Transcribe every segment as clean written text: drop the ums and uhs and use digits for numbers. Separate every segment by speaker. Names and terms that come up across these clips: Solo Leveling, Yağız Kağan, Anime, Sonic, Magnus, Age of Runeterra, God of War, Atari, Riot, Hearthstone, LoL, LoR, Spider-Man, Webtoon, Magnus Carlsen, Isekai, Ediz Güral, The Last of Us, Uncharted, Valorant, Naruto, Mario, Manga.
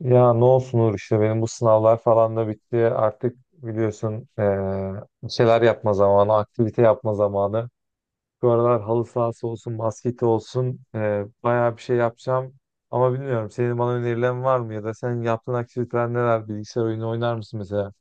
Speaker 1: Ya ne olsun Uğur işte benim bu sınavlar falan da bitti. Artık biliyorsun bir şeyler yapma zamanı, aktivite yapma zamanı. Bu aralar halı sahası olsun, basketi olsun bayağı bir şey yapacağım. Ama bilmiyorum senin bana önerilerin var mı ya da senin yaptığın aktiviteler neler? Bilgisayar oyunu oynar mısın mesela?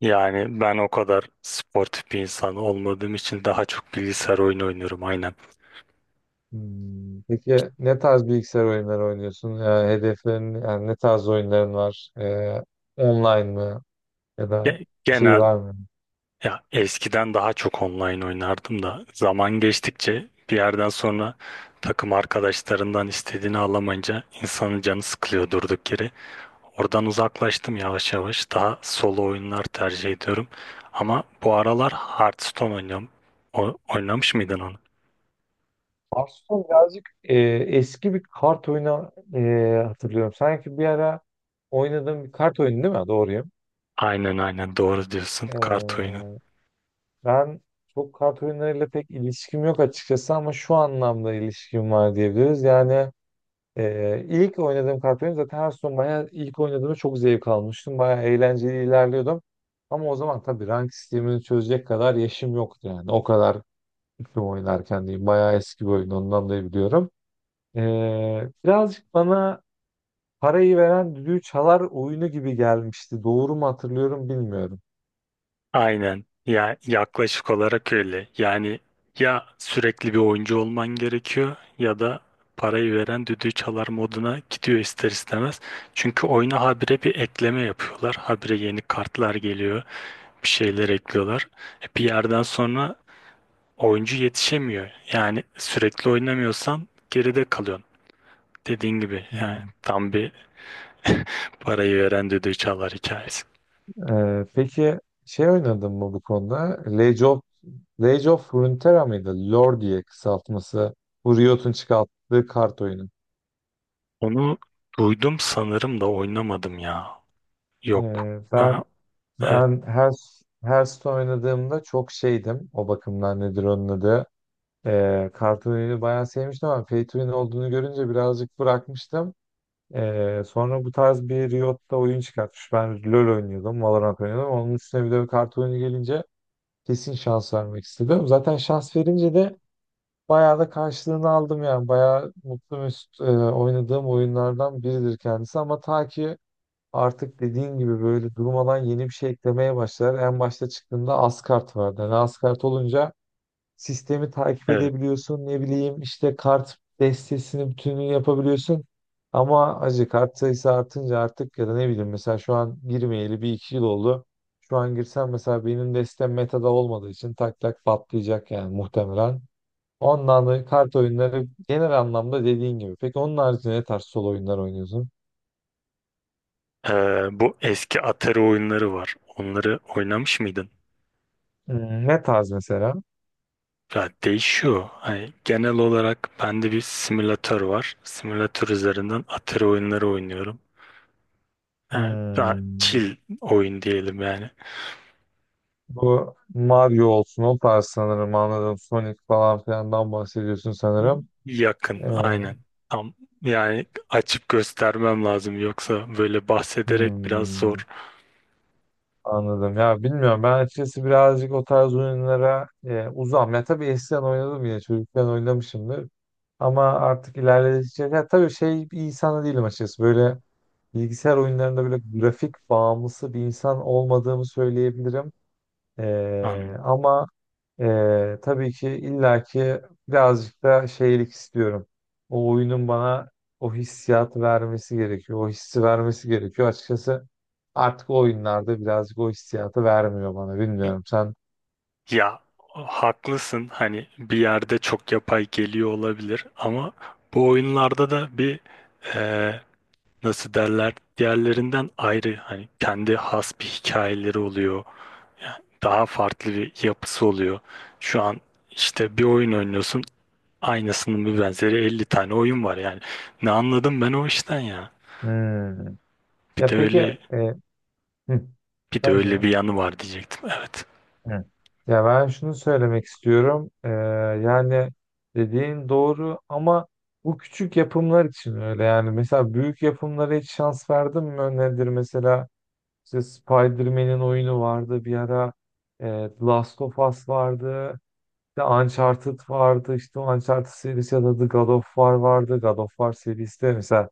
Speaker 2: Yani ben o kadar sportif bir insan olmadığım için daha çok bilgisayar oyunu oynuyorum aynen.
Speaker 1: Hmm. Peki ne tarz bilgisayar oyunları oynuyorsun? Hedeflerin yani ne tarz oyunların var? Online mı ya da bir şey
Speaker 2: Genel
Speaker 1: var mı?
Speaker 2: ya, eskiden daha çok online oynardım da zaman geçtikçe bir yerden sonra takım arkadaşlarından istediğini alamayınca insanın canı sıkılıyor durduk yere. Oradan uzaklaştım yavaş yavaş. Daha solo oyunlar tercih ediyorum. Ama bu aralar Hearthstone oynuyorum. Oynamış mıydın onu?
Speaker 1: Hearthstone birazcık eski bir kart oyunu hatırlıyorum. Sanki bir ara oynadığım bir kart oyunu değil mi? Doğruyum.
Speaker 2: Aynen aynen, doğru diyorsun.
Speaker 1: E,
Speaker 2: Kart oyunu.
Speaker 1: ben çok kart oyunlarıyla pek ilişkim yok açıkçası ama şu anlamda ilişkim var diyebiliriz. Yani ilk oynadığım kart oyunu zaten Hearthstone bayağı ilk oynadığımda çok zevk almıştım. Bayağı eğlenceli ilerliyordum. Ama o zaman tabii rank sistemini çözecek kadar yaşım yoktu yani. O kadar tüm oynarken diyeyim. Bayağı eski bir oyun ondan da biliyorum. Birazcık bana parayı veren düdüğü çalar oyunu gibi gelmişti. Doğru mu hatırlıyorum bilmiyorum.
Speaker 2: Aynen. Ya yaklaşık olarak öyle. Yani ya sürekli bir oyuncu olman gerekiyor ya da parayı veren düdüğü çalar moduna gidiyor ister istemez. Çünkü oyuna habire bir ekleme yapıyorlar. Habire yeni kartlar geliyor. Bir şeyler ekliyorlar. E bir yerden sonra oyuncu yetişemiyor. Yani sürekli oynamıyorsan geride kalıyorsun. Dediğin gibi yani
Speaker 1: Hmm.
Speaker 2: tam bir parayı veren düdüğü çalar hikayesi.
Speaker 1: Peki şey oynadın mı bu konuda? Age of, Age of Runeterra mıydı? LoR diye kısaltması. Bu Riot'un çıkarttığı kart oyunu.
Speaker 2: Onu duydum sanırım da oynamadım ya. Yok.
Speaker 1: Ee, ben
Speaker 2: Ha, evet,
Speaker 1: ben her Hearthstone oynadığımda çok şeydim. O bakımdan nedir onun adı? Kart oyunu bayağı sevmiştim ama Pay to Win olduğunu görünce birazcık bırakmıştım. Sonra bu tarz bir Riot'ta oyun çıkartmış. Ben LoL oynuyordum, Valorant oynuyordum. Onun üstüne bir de bir kart oyunu gelince kesin şans vermek istedim. Zaten şans verince de bayağı da karşılığını aldım yani. Bayağı mutlu mesut oynadığım oyunlardan biridir kendisi. Ama ta ki artık dediğin gibi böyle durmadan yeni bir şey eklemeye başlar. En başta çıktığında az kart vardı. Yani az kart olunca sistemi takip
Speaker 2: evet.
Speaker 1: edebiliyorsun. Ne bileyim işte kart destesinin bütününü yapabiliyorsun. Ama acı kart sayısı artınca artık ya da ne bileyim mesela şu an girmeyeli bir iki yıl oldu. Şu an girsem mesela benim destem metada olmadığı için tak tak patlayacak yani muhtemelen. Ondan da kart oyunları genel anlamda dediğin gibi. Peki onun haricinde ne tarz solo oyunlar oynuyorsun?
Speaker 2: Bu eski Atari oyunları var. Onları oynamış mıydın?
Speaker 1: Hmm, ne tarz mesela?
Speaker 2: Ya değişiyor. Hani genel olarak bende bir simülatör var. Simülatör üzerinden Atari oyunları oynuyorum. Yani daha
Speaker 1: Hmm.
Speaker 2: chill oyun diyelim yani.
Speaker 1: Bu Mario olsun o tarz sanırım anladım. Sonic falan filandan bahsediyorsun sanırım.
Speaker 2: Yakın,
Speaker 1: Evet.
Speaker 2: aynen. Tam yani açıp göstermem lazım, yoksa böyle bahsederek biraz
Speaker 1: Hmm,
Speaker 2: zor.
Speaker 1: anladım. Ya bilmiyorum. Ben açıkçası birazcık o tarz oyunlara uzağım. Ya tabii eskiden oynadım yine. Çocukken oynamışımdır. Ama artık ilerledikçe ya tabii şey bir insan da değilim açıkçası. Böyle bilgisayar oyunlarında böyle grafik bağımlısı bir insan olmadığımı söyleyebilirim. E,
Speaker 2: Anladım.
Speaker 1: ama tabii ki illaki birazcık da şeylik istiyorum. O oyunun bana o hissiyatı vermesi gerekiyor. O hissi vermesi gerekiyor. Açıkçası artık o oyunlarda birazcık o hissiyatı vermiyor bana. Bilmiyorum sen.
Speaker 2: Ya haklısın, hani bir yerde çok yapay geliyor olabilir ama bu oyunlarda da bir eee, nasıl derler, diğerlerinden ayrı, hani kendi has bir hikayeleri oluyor. Yani daha farklı bir yapısı oluyor. Şu an işte bir oyun oynuyorsun, aynısının bir benzeri 50 tane oyun var yani. Ne anladım ben o işten ya.
Speaker 1: Hmm.
Speaker 2: Bir
Speaker 1: Ya
Speaker 2: de
Speaker 1: peki
Speaker 2: öyle
Speaker 1: e, hı,
Speaker 2: Bir de
Speaker 1: sen
Speaker 2: öyle bir
Speaker 1: söyle.
Speaker 2: yanı var diyecektim. Evet.
Speaker 1: Hı. Ya ben şunu söylemek istiyorum. Yani dediğin doğru ama bu küçük yapımlar için öyle. Yani mesela büyük yapımlara hiç şans verdin mi? Nedir mesela? İşte Spider-Man'in oyunu vardı bir ara. E, The Last of Us vardı. İşte Uncharted vardı. İşte o Uncharted serisi ya da The God of War vardı. God of War serisi de mesela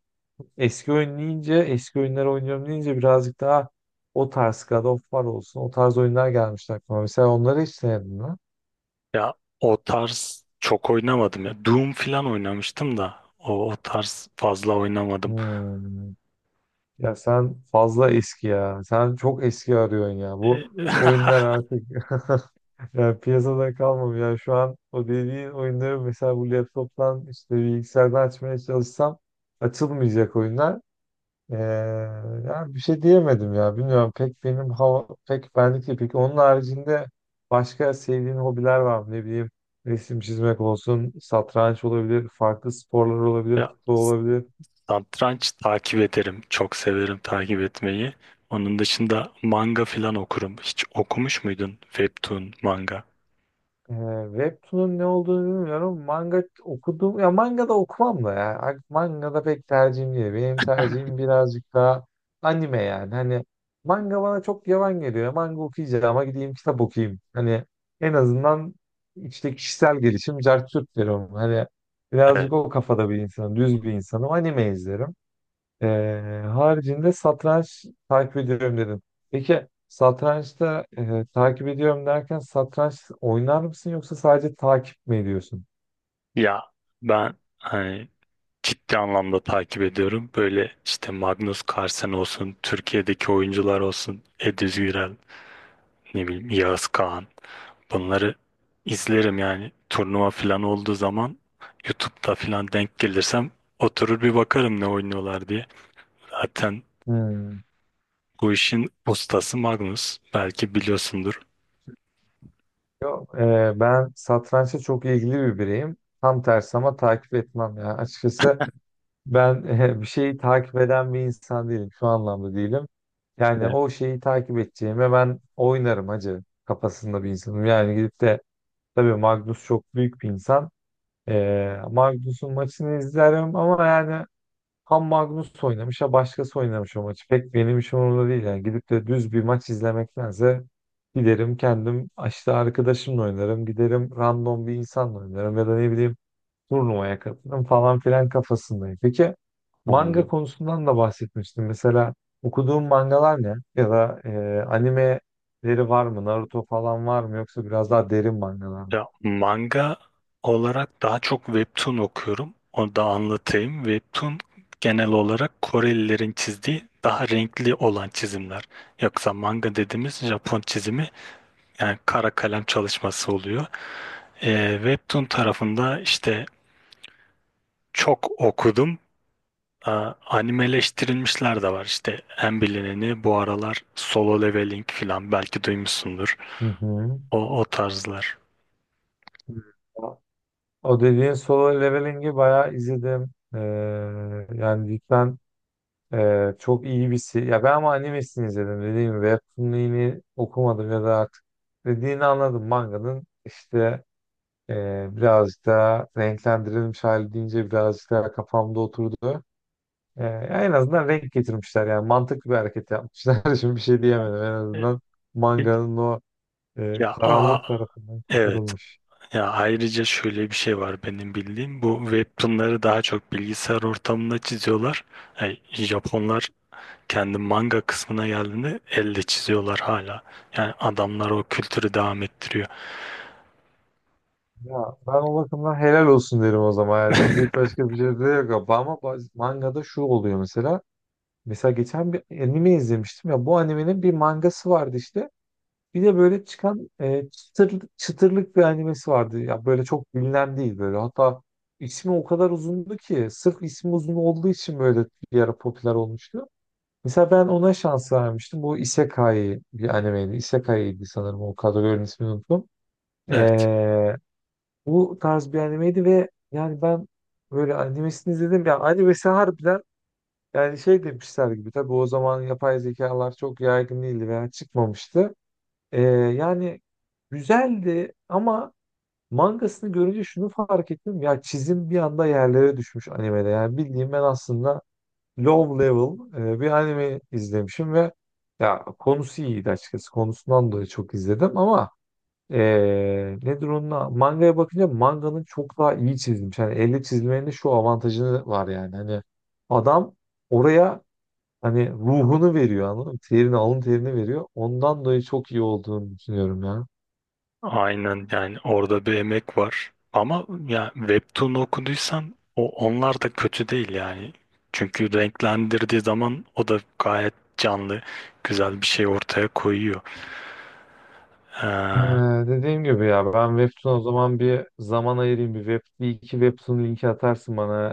Speaker 1: eski oyun deyince, eski oyunları oynuyorum deyince birazcık daha o tarz God of War olsun. O tarz oyunlar gelmişti aklıma. Mesela onları hiç denedin mi?
Speaker 2: Ya o tarz çok oynamadım ya. Doom falan oynamıştım da o tarz fazla oynamadım.
Speaker 1: Hmm. Ya sen fazla eski ya. Sen çok eski arıyorsun ya. Bu
Speaker 2: E,
Speaker 1: oyunlar artık Ya piyasada kalmam ya. Şu an o dediğin oyunları mesela bu laptoptan işte bilgisayardan açmaya çalışsam açılmayacak oyunlar. Ee, ya bir şey diyemedim ya. Bilmiyorum pek benim hava pek benlik değil. Peki onun haricinde başka sevdiğin hobiler var mı? Ne bileyim resim çizmek olsun, satranç olabilir, farklı sporlar olabilir,
Speaker 2: Ya
Speaker 1: futbol olabilir.
Speaker 2: satranç takip ederim. Çok severim takip etmeyi. Onun dışında manga falan okurum. Hiç okumuş muydun webtoon, manga?
Speaker 1: Ee, Webtoon'un ne olduğunu bilmiyorum. Manga okudum. Ya manga da okumam da ya. Manga da pek tercihim değil. Benim tercihim birazcık daha anime yani. Hani manga bana çok yavan geliyor. Manga okuyacağım ama gideyim kitap okuyayım. Hani en azından işte kişisel gelişim cart curt derim. Hani
Speaker 2: Evet.
Speaker 1: birazcık o kafada bir insanım. Düz bir insanım. Anime izlerim. Haricinde satranç takip ediyorum dedim. Peki satrançta takip ediyorum derken satranç oynar mısın yoksa sadece takip mi ediyorsun?
Speaker 2: Ya ben hani ciddi anlamda takip ediyorum. Böyle işte Magnus Carlsen olsun, Türkiye'deki oyuncular olsun, Ediz Güral, ne bileyim Yağız Kağan. Bunları izlerim yani, turnuva falan olduğu zaman YouTube'da falan denk gelirsem oturur bir bakarım ne oynuyorlar diye. Zaten
Speaker 1: Hmm.
Speaker 2: bu işin ustası Magnus. Belki biliyorsundur.
Speaker 1: Yok, ben satrançta çok ilgili bir bireyim. Tam tersi ama takip etmem ya. Açıkçası ben bir şeyi takip eden bir insan değilim. Şu anlamda değilim. Yani
Speaker 2: Evet,
Speaker 1: o şeyi takip edeceğime ben oynarım hacı kafasında bir insanım. Yani gidip de tabii Magnus çok büyük bir insan. Magnus'un maçını izlerim ama yani ham Magnus oynamış ya başkası oynamış o maçı. Pek benim işim orada değil. Yani gidip de düz bir maç izlemektense giderim kendim işte arkadaşımla oynarım. Giderim random bir insanla oynarım ya da ne bileyim turnuvaya katılırım falan filan kafasındayım. Peki manga
Speaker 2: anladım.
Speaker 1: konusundan da bahsetmiştim. Mesela okuduğum mangalar ne? Ya da animeleri var mı? Naruto falan var mı? Yoksa biraz daha derin mangalar mı?
Speaker 2: Ya, manga olarak daha çok webtoon okuyorum. Onu da anlatayım. Webtoon genel olarak Korelilerin çizdiği daha renkli olan çizimler. Yoksa manga dediğimiz Japon çizimi, yani kara kalem çalışması oluyor. Webtoon tarafında işte çok okudum. Ee, Animeleştirilmişler de var, işte en bilineni bu aralar Solo Leveling falan, belki duymuşsundur.
Speaker 1: Hı
Speaker 2: O, o tarzlar.
Speaker 1: hı. O dediğin solo leveling'i bayağı izledim. Yani cidden çok iyi bir si- Ya ben ama animesini izledim dediğim gibi. Webtoon'ini okumadım ya da artık dediğini anladım. Manganın işte birazcık daha renklendirilmiş hali deyince birazcık daha kafamda oturdu. E, en azından renk getirmişler yani mantıklı bir hareket yapmışlar. Şimdi bir şey diyemedim en
Speaker 2: E,
Speaker 1: azından
Speaker 2: e,
Speaker 1: manganın o
Speaker 2: Ya aa,
Speaker 1: karanlık tarafından
Speaker 2: evet.
Speaker 1: kurtarılmış.
Speaker 2: Ya ayrıca şöyle bir şey var benim bildiğim. Bu webtoonları daha çok bilgisayar ortamında çiziyorlar. Yani Japonlar kendi manga kısmına geldiğinde elle çiziyorlar hala. Yani adamlar o kültürü devam ettiriyor.
Speaker 1: Ya ben o bakımdan helal olsun derim o zaman. Ya, diyecek başka bir şey de yok. Ama mangada şu oluyor mesela. Mesela geçen bir anime izlemiştim ya. Bu animenin bir mangası vardı işte. Bir de böyle çıkan çıtırlık, çıtırlık bir animesi vardı. Ya böyle çok bilinen değil böyle. Hatta ismi o kadar uzundu ki sırf ismi uzun olduğu için böyle bir ara popüler olmuştu. Mesela ben ona şans vermiştim. Bu Isekai bir animeydi. Isekai'ydi sanırım o kadar ismini unuttum.
Speaker 2: Evet.
Speaker 1: Bu tarz bir animeydi ve yani ben böyle animesini izledim. Ya animesi harbiden yani şey demişler gibi. Tabii o zaman yapay zekalar çok yaygın değildi veya çıkmamıştı. Yani güzeldi ama mangasını görünce şunu fark ettim. Ya çizim bir anda yerlere düşmüş animede. Yani bildiğim ben aslında low level bir anime izlemişim ve ya konusu iyiydi açıkçası. Konusundan dolayı çok izledim ama nedir onunla? Mangaya bakınca manganın çok daha iyi çizilmiş. Hani elle çizmenin de şu avantajını var yani. Hani adam oraya hani ruhunu veriyor anladın mı? Terini, alın terini veriyor. Ondan dolayı çok iyi olduğunu düşünüyorum ya.
Speaker 2: Aynen, yani orada bir emek var. Ama ya Webtoon okuduysan, o onlar da kötü değil yani. Çünkü renklendirdiği zaman o da gayet canlı, güzel bir şey ortaya koyuyor.
Speaker 1: Ee,
Speaker 2: Ee,
Speaker 1: dediğim gibi ya ben Webtoon o zaman bir zaman ayırayım. Bir web, bir iki Webtoon linki atarsın bana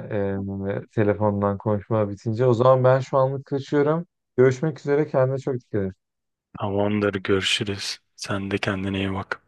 Speaker 1: telefondan konuşma bitince. O zaman ben şu anlık kaçıyorum. Görüşmek üzere. Kendine çok dikkat et.
Speaker 2: tamamdır, görüşürüz. Sen de kendine iyi bak.